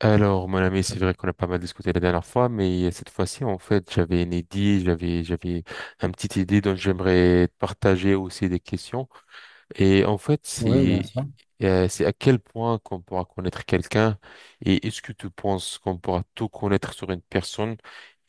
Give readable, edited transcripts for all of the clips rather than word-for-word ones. Alors, mon ami, c'est vrai qu'on a pas mal discuté la dernière fois, mais cette fois-ci, j'avais une idée, j'avais une petite idée dont j'aimerais te partager aussi des questions. Et en fait, Oui, bien sûr. C'est à quel point qu'on pourra connaître quelqu'un et est-ce que tu penses qu'on pourra tout connaître sur une personne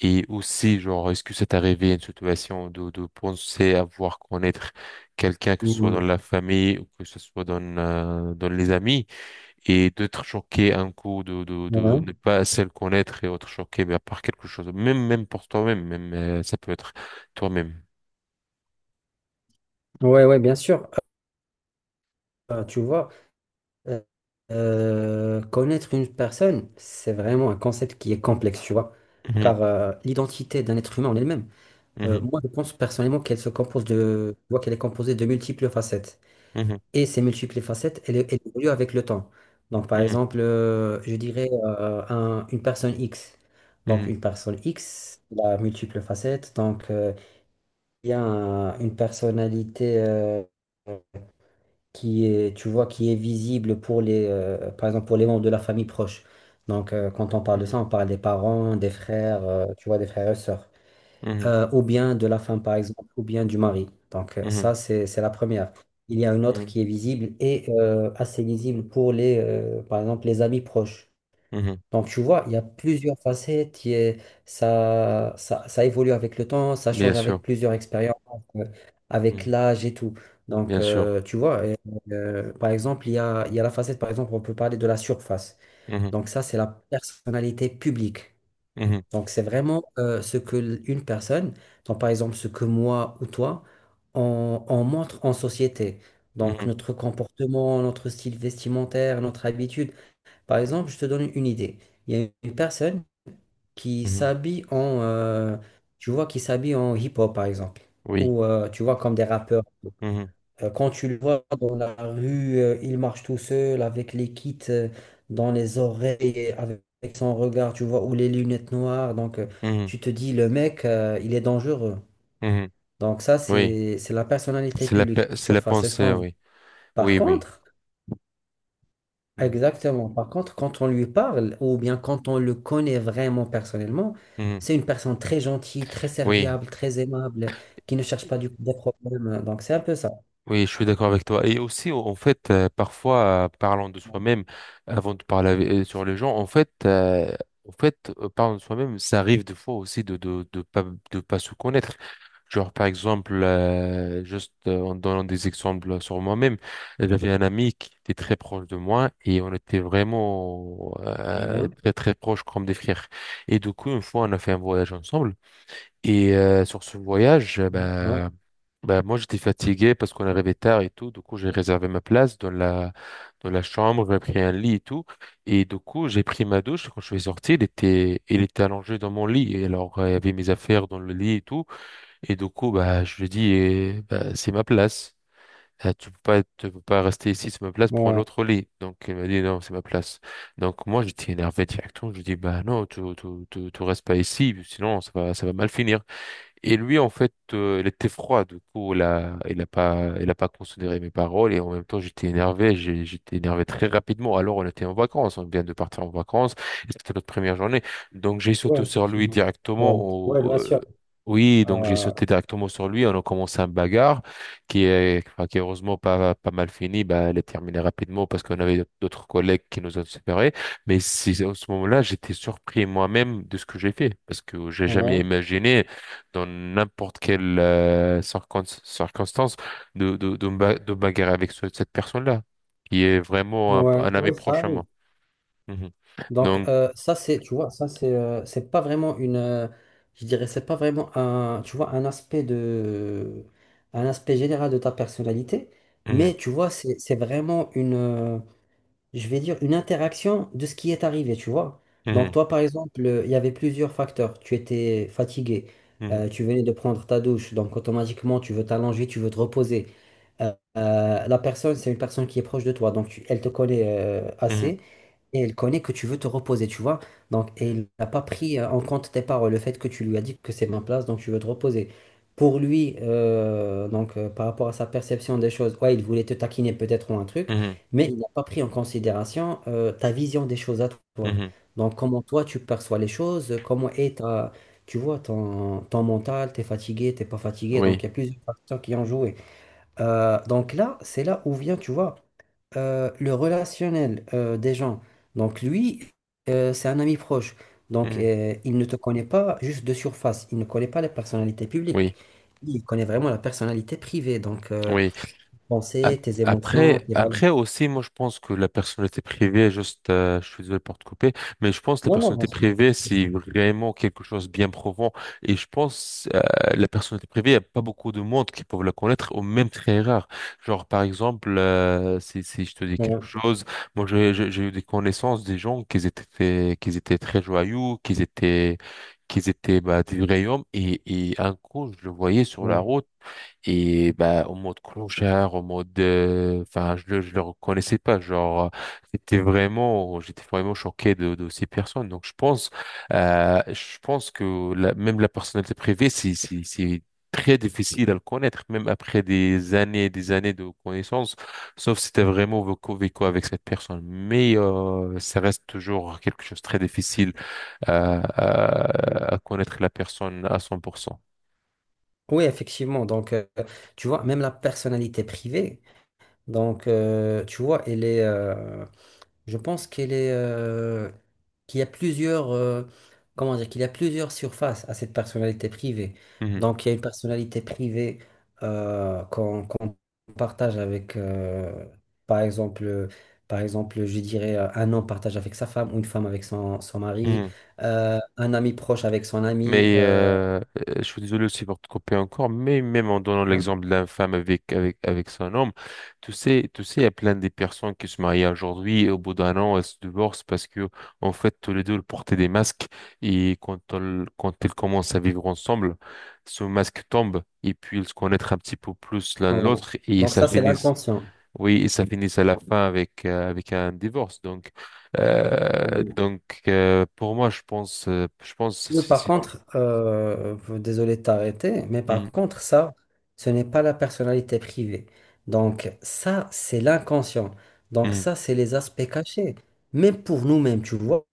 et aussi, genre, est-ce que c'est arrivé une situation de penser avoir connaître quelqu'un, que ce soit dans Mhm. la famille ou que ce soit dans, dans les amis? Et d'être choqué un coup, de Ouais. ne pas assez le connaître et être choqué mais par quelque chose, même, même pour toi-même, même, ça peut être toi-même. Ouais, ouais, bien sûr. Euh, tu vois, euh, Connaître une personne, c'est vraiment un concept qui est complexe, tu vois. Mhm, Car l'identité d'un être humain en elle-même, mhm, moi, je pense personnellement qu'elle se compose de, tu vois, qu'elle est composée de multiples facettes. mhm, Et ces multiples facettes, elles évoluent avec le temps. Donc, par mhm, exemple, je dirais une personne X. Donc, mhm, une personne X, la multiple facette. Donc, y a une personnalité qui est, tu vois, qui est visible pour les, par exemple, pour les membres de la famille proche. Donc, quand on parle de ça, on parle des parents, des frères, tu vois, des frères et sœurs. mhm, Ou bien de la femme, par exemple, ou bien du mari. Donc, mhm, ça, c'est la première. Il y a une autre mhm, qui est visible et assez visible pour les, par exemple, les amis proches. mhm. Donc, tu vois, il y a plusieurs facettes, ça évolue avec le temps, ça Bien change sûr, avec plusieurs expériences, euh, avec mhm, l'âge et tout. Donc, bien sûr. euh, tu vois, euh, euh, par exemple, il y a la facette, par exemple, on peut parler de la surface. Mhm, Donc, ça, c'est la personnalité publique. mhm, Donc, c'est vraiment ce que une personne, donc par exemple, ce que moi ou toi, on montre en société. Donc, mhm, notre comportement, notre style vestimentaire, notre habitude. Par exemple, je te donne une idée. Il y a une personne qui mhm. s'habille en hip-hop, par exemple. Oui, Ou, tu vois, comme des rappeurs. mhm, Quand tu le vois dans la rue, il marche tout seul avec les kits dans les oreilles, avec son regard, tu vois, ou les lunettes noires. Mhm, Tu te dis, le mec, il est dangereux. mhm. Donc, ça, Oui, c'est la personnalité c'est la, publique, c'est la surface. C'est ce pensée, qu'on voit. oui, Par oui, oui. contre. Mhm, Exactement. Par contre, quand on lui parle, ou bien quand on le connaît vraiment personnellement, mhm. c'est une personne très gentille, très Oui. serviable, très aimable, qui ne cherche pas du des problèmes. Donc, c'est un peu ça. Oui, je suis d'accord avec toi. Et aussi, en fait, parfois, parlant de soi-même, avant de parler avec- sur les gens, en fait, parlant de soi-même, ça arrive des fois aussi de pas se connaître. Genre, par exemple, juste en donnant des exemples sur moi-même, j'avais un ami qui était très proche de moi et on était vraiment Ouais, très très proches comme des frères. Et du coup, une fois, on a fait un voyage ensemble. Et sur ce voyage, ouais, bah, moi j'étais fatigué parce qu'on arrivait tard et tout. Du coup, j'ai réservé ma place dans la chambre, j'ai pris un lit et tout. Et du coup, j'ai pris ma douche. Quand je suis sorti, il était allongé dans mon lit. Et alors, il y avait mes affaires dans le lit et tout. Et du coup, bah, je lui ai dit, eh, bah, c'est ma place. Tu peux pas, tu peux pas rester ici, c'est ma place, prends ouais, l'autre lit. Donc, il m'a dit, non, c'est ma place. Donc, moi, j'étais énervé directement. Je lui ai dit, bah, non, tu restes pas ici, sinon, ça va mal finir. Et lui, en fait, il était froid, du coup, il a pas considéré mes paroles et en même temps, j'étais énervé, j'étais énervé très rapidement. Alors, on était en vacances, on vient de partir en vacances, et c'était notre première journée. Donc, j'ai sauté ouais, sur lui effectivement. directement Ouais, ouais, bien sûr. oui, donc j'ai Euh, sauté directement sur lui, on a commencé un bagarre enfin, qui est heureusement pas, pas mal fini, bah, elle est terminée rapidement parce qu'on avait d'autres collègues qui nous ont séparés. Mais c'est, à ce moment-là, j'étais surpris moi-même de ce que j'ai fait parce que j'ai jamais ouais, imaginé dans n'importe quelle circonstance de me bagarrer avec cette personne-là, qui est vraiment ouais, un ami ouais, ça proche à arrive. moi. Mhm. Donc Donc, euh, ça c'est tu vois ça c'est pas vraiment une je dirais c'est pas vraiment un tu vois un aspect de un aspect général de ta personnalité mhm, mais tu vois c'est vraiment une je vais dire une interaction de ce qui est arrivé tu vois donc mhm, toi par exemple il y avait plusieurs facteurs tu étais fatigué, mhm, tu venais de prendre ta douche donc automatiquement tu veux t'allonger tu veux te reposer. La personne, c'est une personne qui est proche de toi, donc elle te connaît mhm, assez. Et elle connaît que tu veux te reposer, tu vois. Donc, et mhm, il n'a pas pris en compte tes paroles, le fait que tu lui as dit que c'est ma place, donc tu veux te reposer. Pour lui, par rapport à sa perception des choses, ouais, il voulait te taquiner peut-être ou un truc, mhm, mais il n'a pas pris en considération ta vision des choses à toi. mhm. Donc, comment toi tu perçois les choses, comment est ta, tu vois, ton mental, t'es fatigué, t'es pas fatigué. Donc, Oui, il y a plusieurs facteurs qui ont joué. Donc là, c'est là où vient, tu vois, le relationnel des gens. Donc lui, c'est un ami proche. Donc mhm, euh, il ne te connaît pas juste de surface. Il ne connaît pas la personnalité publique. oui, Il connaît vraiment la personnalité privée. Oui. Pensée, Ap- tes émotions, Après, tes valeurs. après aussi, moi je pense que la personnalité privée, juste, je suis désolé pour te couper, mais je pense que la Non, non, bien personnalité sûr. privée, c'est vraiment quelque chose de bien profond. Et je pense la personnalité privée, il n'y a pas beaucoup de monde qui peuvent la connaître, ou même très rare. Genre, par exemple, si je te dis Ouais, quelque chose, moi j'ai eu des connaissances des gens qui étaient, qui étaient très joyeux, qui étaient bah, des vrais hommes, et un coup, je le voyais sur ouais, la ouais. route. Et bah, en mode clochard, en mode... Enfin, je le reconnaissais pas. Genre, c'était vraiment... J'étais vraiment choqué de ces personnes. Donc, je pense que même la personnalité privée, c'est très difficile à le connaître, même après des années et des années de connaissances, sauf si t'as vraiment vécu, vécu avec cette personne. Mais ça reste toujours quelque chose de très difficile Ouais. À connaître la personne à 100%. Oui, effectivement. Donc, tu vois, même la personnalité privée, donc, tu vois, je pense qu'elle est, qu'il y a plusieurs, comment dire, qu'il y a plusieurs surfaces à cette personnalité privée. Donc, il y a une personnalité privée qu'on partage avec, par exemple, euh, par exemple, je dirais un homme partage avec sa femme, ou une femme avec son mari, Mhm. Un ami proche avec son ami. Mais je suis désolé aussi pour te couper encore, mais même en donnant Ouais. l'exemple de la femme avec, avec, avec son homme, tu sais, il y a plein de personnes qui se marient aujourd'hui et au bout d'1 an, elles se divorcent parce que, en fait, tous les deux ils portaient des masques et quand ils commencent à vivre ensemble, ce masque tombe et puis ils se connaissent un petit peu plus l'un Ouais. l'autre et Donc, ça ça, c'est finit l'inconscient. oui, et ça finit à la fin avec, avec un divorce. Pour moi, je pense, Oui, par contre, désolé de t'arrêter, mais Mhm. par contre, ça, ce n'est pas la personnalité privée. Donc, ça, c'est l'inconscient. Donc, Mhm, ça, c'est les aspects cachés. Même pour nous-mêmes, tu vois.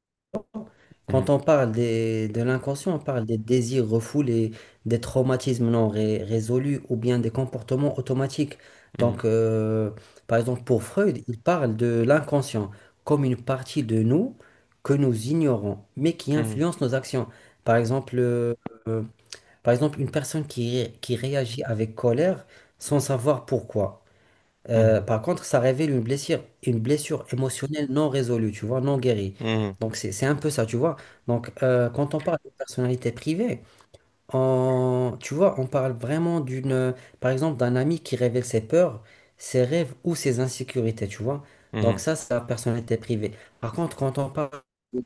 mhm, Quand on parle des- De l'inconscient, on parle des désirs refoulés, des traumatismes non ré- résolus ou bien des comportements automatiques. mhm, Donc, par exemple, pour Freud, il parle de l'inconscient comme une partie de nous que nous ignorons, mais qui mhm, influence nos actions. Par exemple, euh, une personne qui, qui réagit avec colère sans savoir pourquoi. Mhm, Par contre, ça révèle une blessure émotionnelle non résolue, tu vois, non guérie. mhm, Donc, c'est un peu ça, tu vois. Donc, quand on parle de personnalité privée, tu vois, on parle vraiment d'une, par exemple, d'un ami qui révèle ses peurs, ses rêves ou ses insécurités, tu vois. Donc, mhm, ça, c'est la personnalité privée. Par contre, quand on parle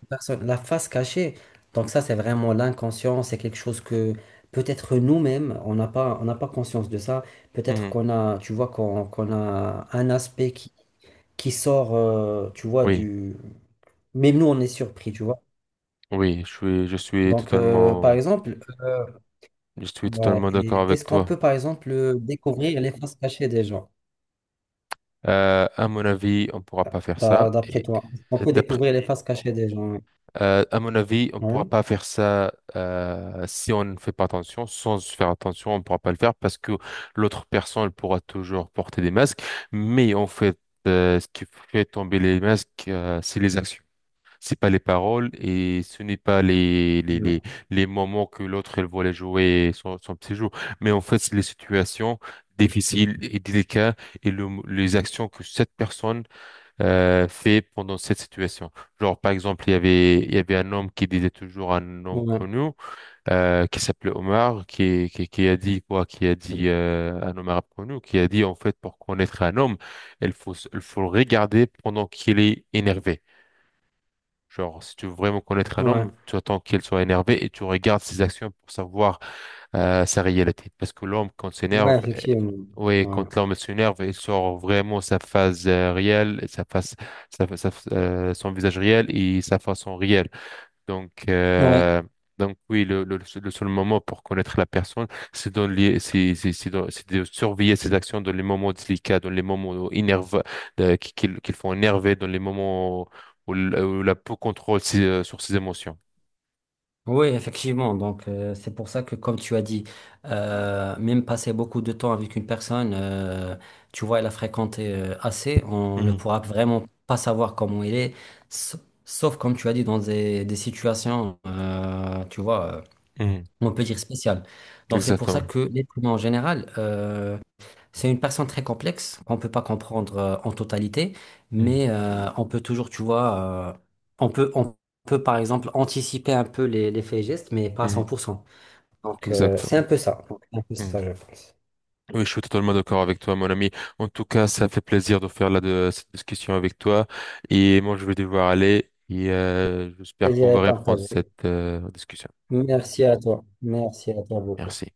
personne, la face cachée. Donc ça, c'est vraiment l'inconscient, c'est quelque chose que peut-être nous-mêmes, on n'a pas conscience de ça. Peut-être mhm. qu'on a, tu vois, qu'on a un aspect qui sort, tu vois, Oui, du... Même nous, on est surpris, tu vois. oui, Donc, je suis ouais, totalement d'accord et avec est-ce qu'on toi. peut, par exemple, découvrir les faces cachées des gens, À mon avis, on pourra pas faire ça. D'après toi? Est-ce qu'on Et peut d'après, découvrir les faces cachées des gens? À mon avis, on pourra Ouais. pas faire ça si on ne fait pas attention. Sans faire attention, on pourra pas le faire parce que l'autre personne pourra toujours porter des masques. Mais en fait, ce qui fait tomber les masques, c'est les actions. C'est pas les paroles et ce n'est pas Ouais. les moments que l'autre elle voulait jouer son, son petit jeu. Mais en fait, c'est les situations difficiles et délicates et les actions que cette personne fait pendant cette situation. Genre, par exemple, il y avait un homme qui disait toujours un homme Ouais. connu qui s'appelait Omar, qui a dit quoi? Qui a dit un homme arabe connu, qui a dit en fait, pour connaître un homme, il faut le regarder pendant qu'il est énervé. Genre, si tu veux vraiment connaître un Ouais. homme, tu attends qu'il soit énervé et tu regardes ses actions pour savoir sa réalité. Parce que l'homme, quand Ouais, s'énerve, effectivement. ouais, Ouais. quand l'homme s'énerve, il sort vraiment sa phase réelle, sa face, son visage réel et sa façon réelle. Donc, Ouais. euh, donc oui, le seul moment pour connaître la personne, c'est dans c'est de surveiller ses actions dans les moments délicats, dans les moments énervés, qu'ils font énerver, dans les moments où, où la peau contrôle ses, sur ses émotions. Oui, effectivement. Donc, c'est pour ça que, comme tu as dit, même passer beaucoup de temps avec une personne, tu vois, elle a fréquenté assez, on ne Mhm, pourra vraiment pas savoir comment il est, sa- sauf, comme tu as dit, dans des situations, mhm, on peut dire spéciales. Donc, c'est pour ça exactement. que l'être humain en général, c'est une personne très complexe qu'on ne peut pas comprendre en totalité, Mhm, mais on peut toujours, tu vois, on peut par exemple anticiper un peu les faits et gestes, mais pas à mhm, 100%. Donc, c'est un exactement. peu ça. Donc, c'est un peu Mhm. ça, je pense. Oui, je suis totalement d'accord avec toi, mon ami. En tout cas, ça fait plaisir de faire là de, cette discussion avec toi. Et moi, je vais devoir aller. Et j'espère Plaisir qu'on va est reprendre partagé. cette discussion. Merci à toi. Merci à toi beaucoup. Merci.